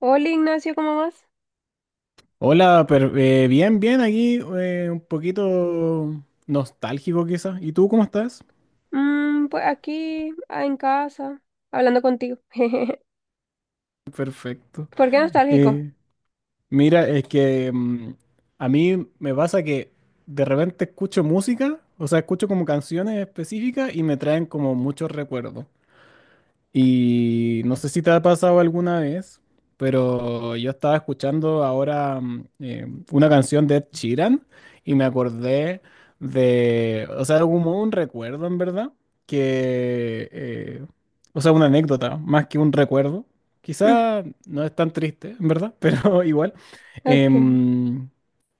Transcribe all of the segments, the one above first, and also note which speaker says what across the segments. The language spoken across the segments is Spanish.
Speaker 1: Hola Ignacio, ¿cómo vas?
Speaker 2: Hola, bien, bien, aquí un poquito nostálgico quizás. ¿Y tú cómo estás?
Speaker 1: Pues aquí, en casa, hablando contigo.
Speaker 2: Perfecto.
Speaker 1: ¿Por qué nostálgico?
Speaker 2: Eh, Mira, es que a mí me pasa que de repente escucho música, o sea, escucho como canciones específicas y me traen como muchos recuerdos. Y no sé si te ha pasado alguna vez, pero yo estaba escuchando ahora una canción de Ed Sheeran y me acordé de, o sea, como un recuerdo en verdad, que, o sea, una anécdota más que un recuerdo.
Speaker 1: Mm.
Speaker 2: Quizá no es tan triste, en verdad, pero igual.
Speaker 1: Ok.
Speaker 2: Em,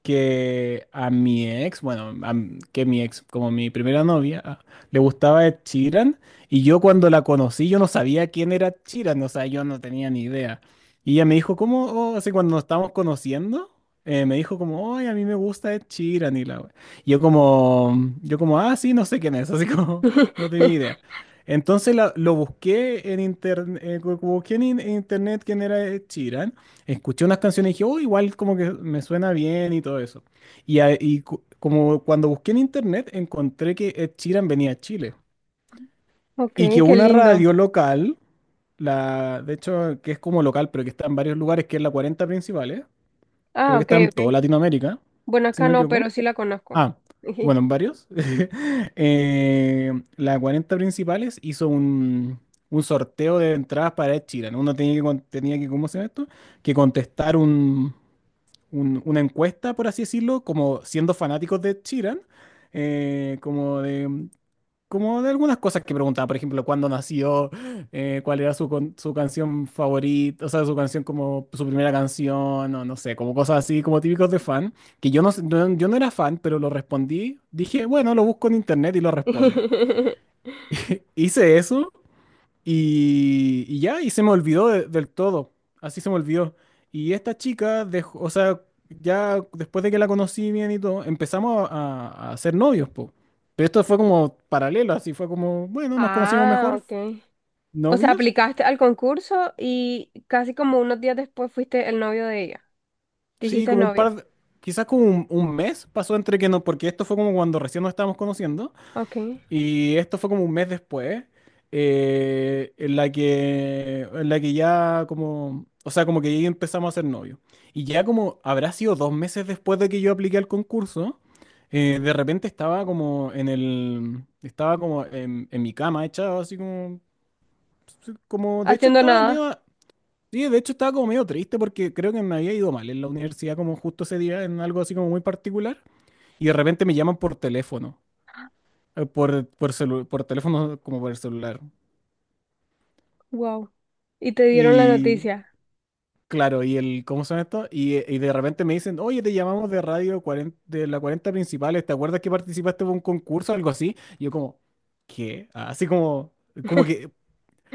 Speaker 2: que a mi ex, bueno, que mi ex, como mi primera novia, le gustaba Ed Sheeran. Y yo cuando la conocí, yo no sabía quién era Chiran, o sea, yo no tenía ni idea. Y ella me dijo, ¿cómo? Oh, así cuando nos estábamos conociendo, me dijo como, ay, a mí me gusta Ed Sheeran y la we-". Y yo como, ah, sí, no sé quién es, así como, no tenía idea. Entonces lo busqué en internet, en internet quién era Ed Sheeran, escuché unas canciones y dije, oh, igual como que me suena bien y todo eso. Y como cuando busqué en internet, encontré que Ed Sheeran venía a Chile.
Speaker 1: Ok,
Speaker 2: Y que
Speaker 1: qué
Speaker 2: una
Speaker 1: lindo.
Speaker 2: radio local, la, de hecho, que es como local, pero que está en varios lugares, que es la 40 Principales,
Speaker 1: Ah,
Speaker 2: creo que
Speaker 1: ok,
Speaker 2: está en toda
Speaker 1: ok.
Speaker 2: Latinoamérica,
Speaker 1: Bueno,
Speaker 2: si no
Speaker 1: acá
Speaker 2: me
Speaker 1: no, pero
Speaker 2: equivoco.
Speaker 1: sí la conozco.
Speaker 2: Ah, bueno, en varios. La 40 principales hizo un sorteo de entradas para Ed Sheeran. Uno tenía que, ¿cómo se llama esto? Que contestar un, una encuesta, por así decirlo, como siendo fanáticos de Ed Sheeran, eh, como de como de algunas cosas que preguntaba, por ejemplo, cuándo nació, cuál era su canción favorita, o sea, su canción como su primera canción, o no sé, como cosas así, como típicos de fan, que yo no era fan, pero lo respondí, dije, bueno, lo busco en internet y lo respondo. Hice eso y, y ya, se me olvidó del todo. Así se me olvidó. Y esta chica, o sea, ya después de que la conocí bien y todo, empezamos a ser novios, po. Pero esto fue como paralelo, así fue como, bueno, nos conocimos
Speaker 1: Ah,
Speaker 2: mejor,
Speaker 1: ok. O sea,
Speaker 2: novios.
Speaker 1: aplicaste al concurso y casi como unos días después fuiste el novio de ella. Te
Speaker 2: Sí,
Speaker 1: hiciste
Speaker 2: como un
Speaker 1: novio.
Speaker 2: par, quizás como un mes pasó entre que no, porque esto fue como cuando recién nos estábamos conociendo.
Speaker 1: Ok.
Speaker 2: Y esto fue como un mes después, en la que ya como, o sea, como que ya empezamos a ser novios. Y ya como habrá sido 2 meses después de que yo apliqué al concurso, de repente estaba como en mi cama echado, así como, sí, como, de hecho
Speaker 1: Haciendo
Speaker 2: estaba
Speaker 1: nada.
Speaker 2: medio, sí, de hecho estaba como medio triste porque creo que me había ido mal en la universidad como justo ese día en algo así como muy particular. Y de repente me llaman por teléfono como por el celular.
Speaker 1: Wow. Y te dieron la
Speaker 2: Y
Speaker 1: noticia.
Speaker 2: claro, y el, ¿cómo son estos? Y de repente me dicen, oye, te llamamos de radio 40 de la 40 Principales, ¿te acuerdas que participaste en un concurso o algo así? Y yo como, ¿qué? Así como, como que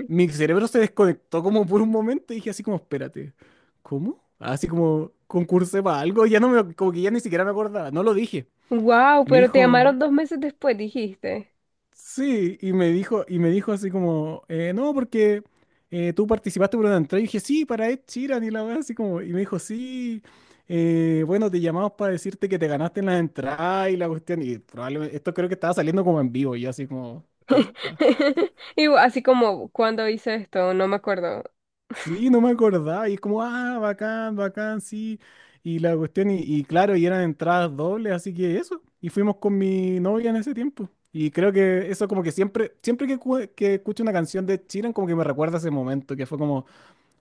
Speaker 2: mi cerebro se desconectó como por un momento y dije así como, espérate, ¿cómo? Así como, concursé para algo, ya no me, como que ya ni siquiera me acordaba, no lo dije.
Speaker 1: Wow,
Speaker 2: Y me
Speaker 1: pero te
Speaker 2: dijo,
Speaker 1: llamaron dos meses después, dijiste.
Speaker 2: sí, y me dijo así como, no, porque tú participaste por una entrada. Y dije, sí, para Ed Sheeran y la weá, así como, y me dijo, sí, bueno, te llamamos para decirte que te ganaste en la entrada y la cuestión. Y probablemente, esto creo que estaba saliendo como en vivo, y yo así como, ¿cómo? Ah".
Speaker 1: Y así como cuando hice esto, no me acuerdo.
Speaker 2: Sí, no me acordaba. Y es como, ah, bacán, bacán, sí. Y la cuestión, y, y claro, eran entradas dobles, así que eso. Y fuimos con mi novia en ese tiempo. Y creo que eso como que siempre, siempre que escucho una canción de Chiran, como que me recuerda ese momento, que fue como,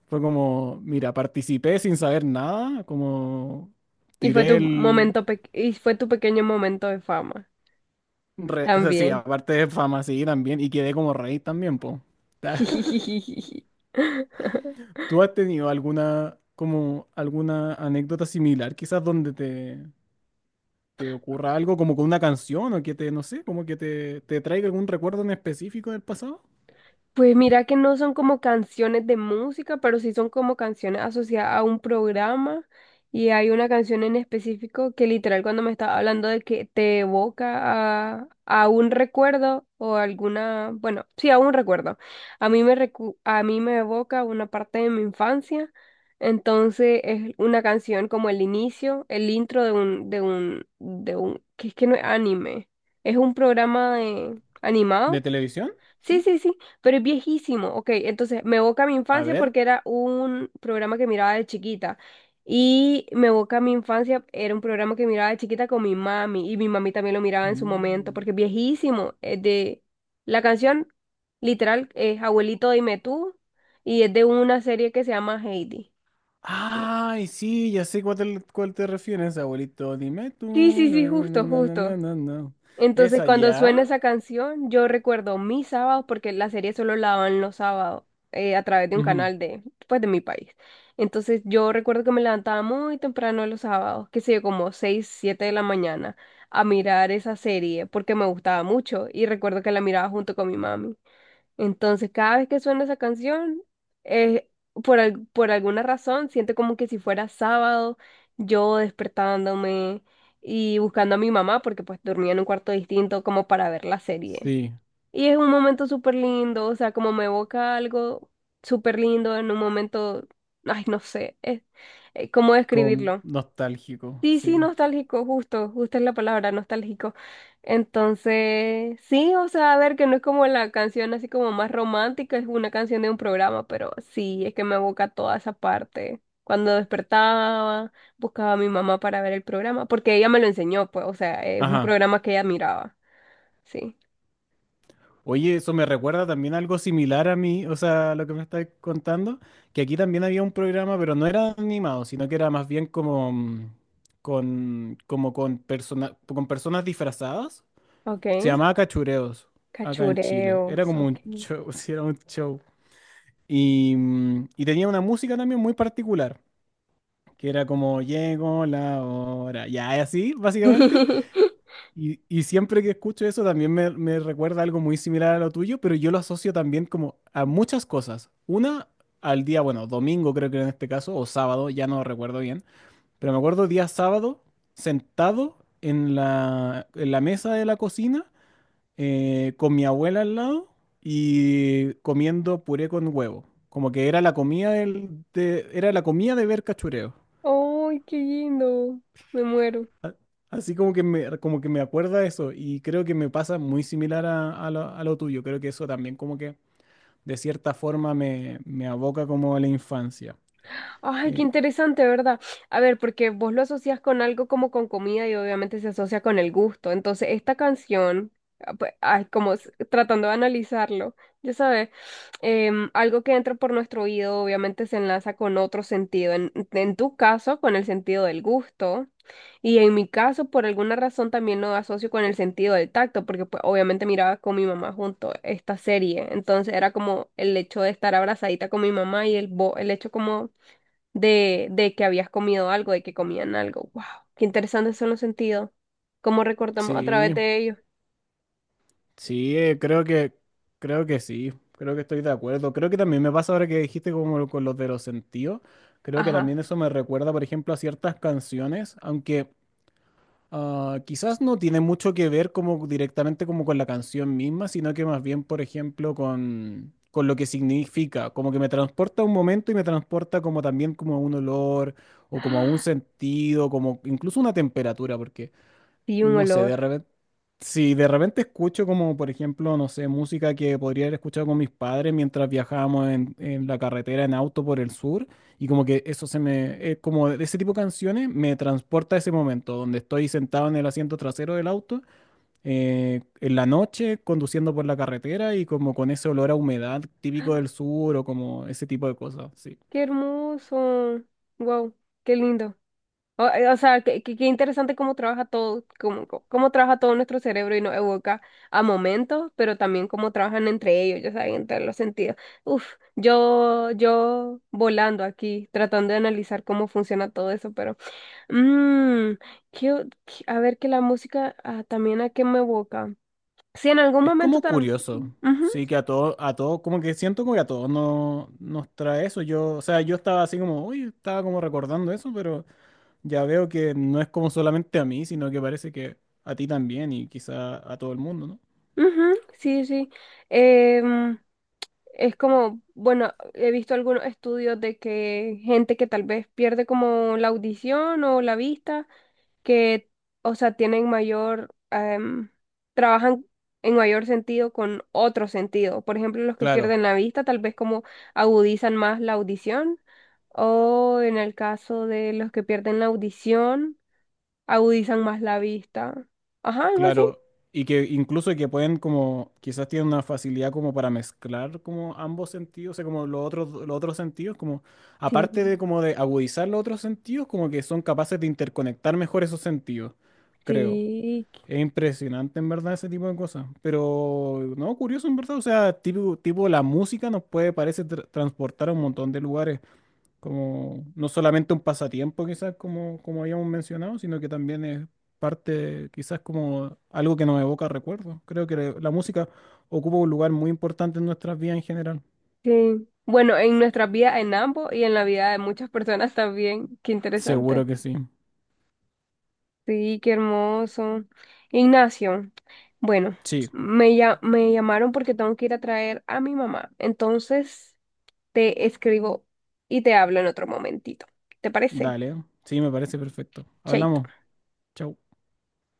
Speaker 2: mira, participé sin saber nada, como
Speaker 1: Y fue
Speaker 2: tiré
Speaker 1: tu
Speaker 2: el...
Speaker 1: pequeño momento de fama
Speaker 2: O sea, sí,
Speaker 1: también.
Speaker 2: aparte de fama, sí, también, y quedé como rey también, po. ¿Tú has tenido alguna, como, alguna anécdota similar, quizás donde te, ocurra algo como con una canción o que te, no sé, como que te, traiga algún recuerdo en específico del pasado?
Speaker 1: Pues mira que no son como canciones de música, pero sí son como canciones asociadas a un programa. Y hay una canción en específico que literal cuando me estaba hablando de que te evoca a un recuerdo o alguna, bueno, sí, a un recuerdo. A mí me evoca una parte de mi infancia. Entonces es una canción como el inicio, el intro de un que es que no es anime. Es un programa de- animado.
Speaker 2: ¿De televisión?
Speaker 1: Sí,
Speaker 2: Sí.
Speaker 1: sí, sí, pero es viejísimo. Ok, entonces me evoca mi
Speaker 2: A
Speaker 1: infancia
Speaker 2: ver.
Speaker 1: porque era un programa que miraba de chiquita. Y me evoca mi infancia, era un programa que miraba de chiquita con mi mami. Y mi mami también lo miraba en su momento
Speaker 2: Mm.
Speaker 1: porque es viejísimo. Es de... La canción literal es Abuelito, dime tú. Y es de una serie que se llama Heidi.
Speaker 2: Ay, sí, ya sé cuál te refieres, abuelito. Dime tú,
Speaker 1: Sí, sí,
Speaker 2: na,
Speaker 1: sí,
Speaker 2: na,
Speaker 1: justo,
Speaker 2: na, na,
Speaker 1: justo.
Speaker 2: na, na, na.
Speaker 1: Entonces,
Speaker 2: ¿Esa
Speaker 1: cuando suena
Speaker 2: ya?
Speaker 1: esa canción, yo recuerdo mis sábados, porque la serie solo la daban los sábados, a través de un
Speaker 2: Ujú.
Speaker 1: canal de, pues, de mi país. Entonces, yo recuerdo que me levantaba muy temprano los sábados, que sé yo, como 6 o 7 de la mañana, a mirar esa serie, porque me gustaba mucho y recuerdo que la miraba junto con mi mami. Entonces, cada vez que suena esa canción, eh, por alguna razón, siento como que si fuera sábado, yo despertándome y buscando a mi mamá, porque pues dormía en un cuarto distinto como para ver la serie.
Speaker 2: Sí,
Speaker 1: Y es un momento súper lindo, o sea, como me evoca algo súper lindo en un momento, ay, no sé, es, ¿cómo
Speaker 2: con
Speaker 1: describirlo?
Speaker 2: nostálgico,
Speaker 1: Sí, sí,
Speaker 2: sí.
Speaker 1: nostálgico, justo, justo es la palabra, nostálgico. Entonces, sí, o sea, a ver, que no es como la canción así como más romántica, es una canción de un programa, pero sí, es que me evoca toda esa parte. Cuando despertaba, buscaba a mi mamá para ver el programa, porque ella me lo enseñó, pues, o sea, es un
Speaker 2: Ajá.
Speaker 1: programa que ella miraba. Sí,
Speaker 2: Oye, eso me recuerda también algo similar a mí, o sea, lo que me estás contando, que aquí también había un programa, pero no era animado, sino que era más bien como con personas disfrazadas.
Speaker 1: ok.
Speaker 2: Se llamaba Cachureos, acá en Chile. Era
Speaker 1: Cachureos,
Speaker 2: como
Speaker 1: ok.
Speaker 2: un show, sí, era un show. Y tenía una música también muy particular, que era como llegó la hora, ya, y así, básicamente. Y siempre que escucho eso también me, recuerda algo muy similar a lo tuyo, pero yo lo asocio también como a muchas cosas. Una, al día, bueno, domingo creo que era en este caso, o sábado, ya no recuerdo bien, pero me acuerdo día sábado sentado en la mesa de la cocina con mi abuela al lado y comiendo puré con huevo. Como que era la comida de ver cachureo.
Speaker 1: ¡Ay, qué lindo! Me muero.
Speaker 2: Así como que me acuerda eso y creo que me pasa muy similar a lo tuyo. Creo que eso también como que de cierta forma me, aboca como a la infancia.
Speaker 1: Ay, qué
Speaker 2: Eh,
Speaker 1: interesante, ¿verdad? A ver, porque vos lo asocias con algo como con comida y obviamente se asocia con el gusto. Entonces, esta canción, ah, pues, ay, como s- tratando de analizarlo, ya sabes, algo que entra por nuestro oído obviamente se enlaza con otro sentido. En tu caso, con el sentido del gusto. Y en mi caso, por alguna razón, también lo asocio con el sentido del tacto, porque pues, obviamente miraba con mi mamá junto esta serie. Entonces, era como el hecho de estar abrazadita con mi mamá y el hecho como de que habías comido algo, de que comían algo. ¡Wow! Qué interesantes son los sentidos. ¿Cómo recordamos a través
Speaker 2: sí,
Speaker 1: de ellos?
Speaker 2: sí, creo que sí, creo que estoy de acuerdo. Creo que también me pasa ahora que dijiste como con los de los sentidos. Creo que
Speaker 1: Ajá.
Speaker 2: también eso me recuerda, por ejemplo, a ciertas canciones, aunque... Ah, quizás no tiene mucho que ver como directamente como con la canción misma, sino que más bien, por ejemplo, con lo que significa, como que me transporta a un momento y me transporta como también como a un olor o como a un sentido, como incluso una temperatura, porque
Speaker 1: Y un
Speaker 2: no sé,
Speaker 1: olor.
Speaker 2: de repente, si de repente escucho como, por ejemplo, no sé, música que podría haber escuchado con mis padres mientras viajábamos en la carretera en auto por el sur, y como que eso como ese tipo de canciones me transporta a ese momento donde estoy sentado en el asiento trasero del auto, en la noche, conduciendo por la carretera y como con ese olor a humedad típico del sur o como ese tipo de cosas, sí.
Speaker 1: Qué hermoso. Wow, qué lindo. O sea, qué interesante cómo trabaja todo, cómo trabaja todo nuestro cerebro y nos evoca a momentos, pero también cómo trabajan entre ellos, ya saben, entre los sentidos. Uf, yo volando aquí, tratando de analizar cómo funciona todo eso, pero mmm, a ver que la música, también a qué me evoca. Sí, en algún
Speaker 2: Es
Speaker 1: momento
Speaker 2: como
Speaker 1: también.
Speaker 2: curioso, sí, que a todos, como que siento como que a todos no, nos trae eso. Yo, o sea, yo estaba así como, uy, estaba como recordando eso, pero ya veo que no es como solamente a mí, sino que parece que a ti también y quizá a todo el mundo, ¿no?
Speaker 1: Ujú, sí, sí. Em, es como, bueno, he visto algunos estudios de que gente que tal vez pierde como la audición o la vista, que, o sea, tienen mayor, trabajan en mayor sentido con otro sentido. Por ejemplo, los que
Speaker 2: Claro,
Speaker 1: pierden la vista tal vez como agudizan más la audición. O en el caso de los que pierden la audición, agudizan más la vista. Ajá, algo así.
Speaker 2: claro. Y que incluso que pueden como, quizás tienen una facilidad como para mezclar como ambos sentidos, o sea, como los otros sentidos, como aparte de
Speaker 1: Sí,
Speaker 2: como de agudizar los otros sentidos, como que son capaces de interconectar mejor esos sentidos, creo.
Speaker 1: sí,
Speaker 2: Es impresionante en verdad ese tipo de cosas, pero no, curioso en verdad, o sea, tipo, tipo la música nos puede, parece, transportar a un montón de lugares, como no solamente un pasatiempo quizás como, como habíamos mencionado, sino que también es parte quizás como algo que nos evoca recuerdos. Creo que la música ocupa un lugar muy importante en nuestras vidas en general.
Speaker 1: sí. Bueno, en nuestra vida, en ambos y en la vida de muchas personas también. Qué
Speaker 2: Seguro
Speaker 1: interesante.
Speaker 2: que sí.
Speaker 1: Sí, qué hermoso. Ignacio, bueno,
Speaker 2: Sí,
Speaker 1: me, me llamaron porque tengo que ir a traer a mi mamá. Entonces, te escribo y te hablo en otro momentito. ¿Te parece?
Speaker 2: dale, sí, me parece perfecto.
Speaker 1: Chaito.
Speaker 2: Hablamos. Chau.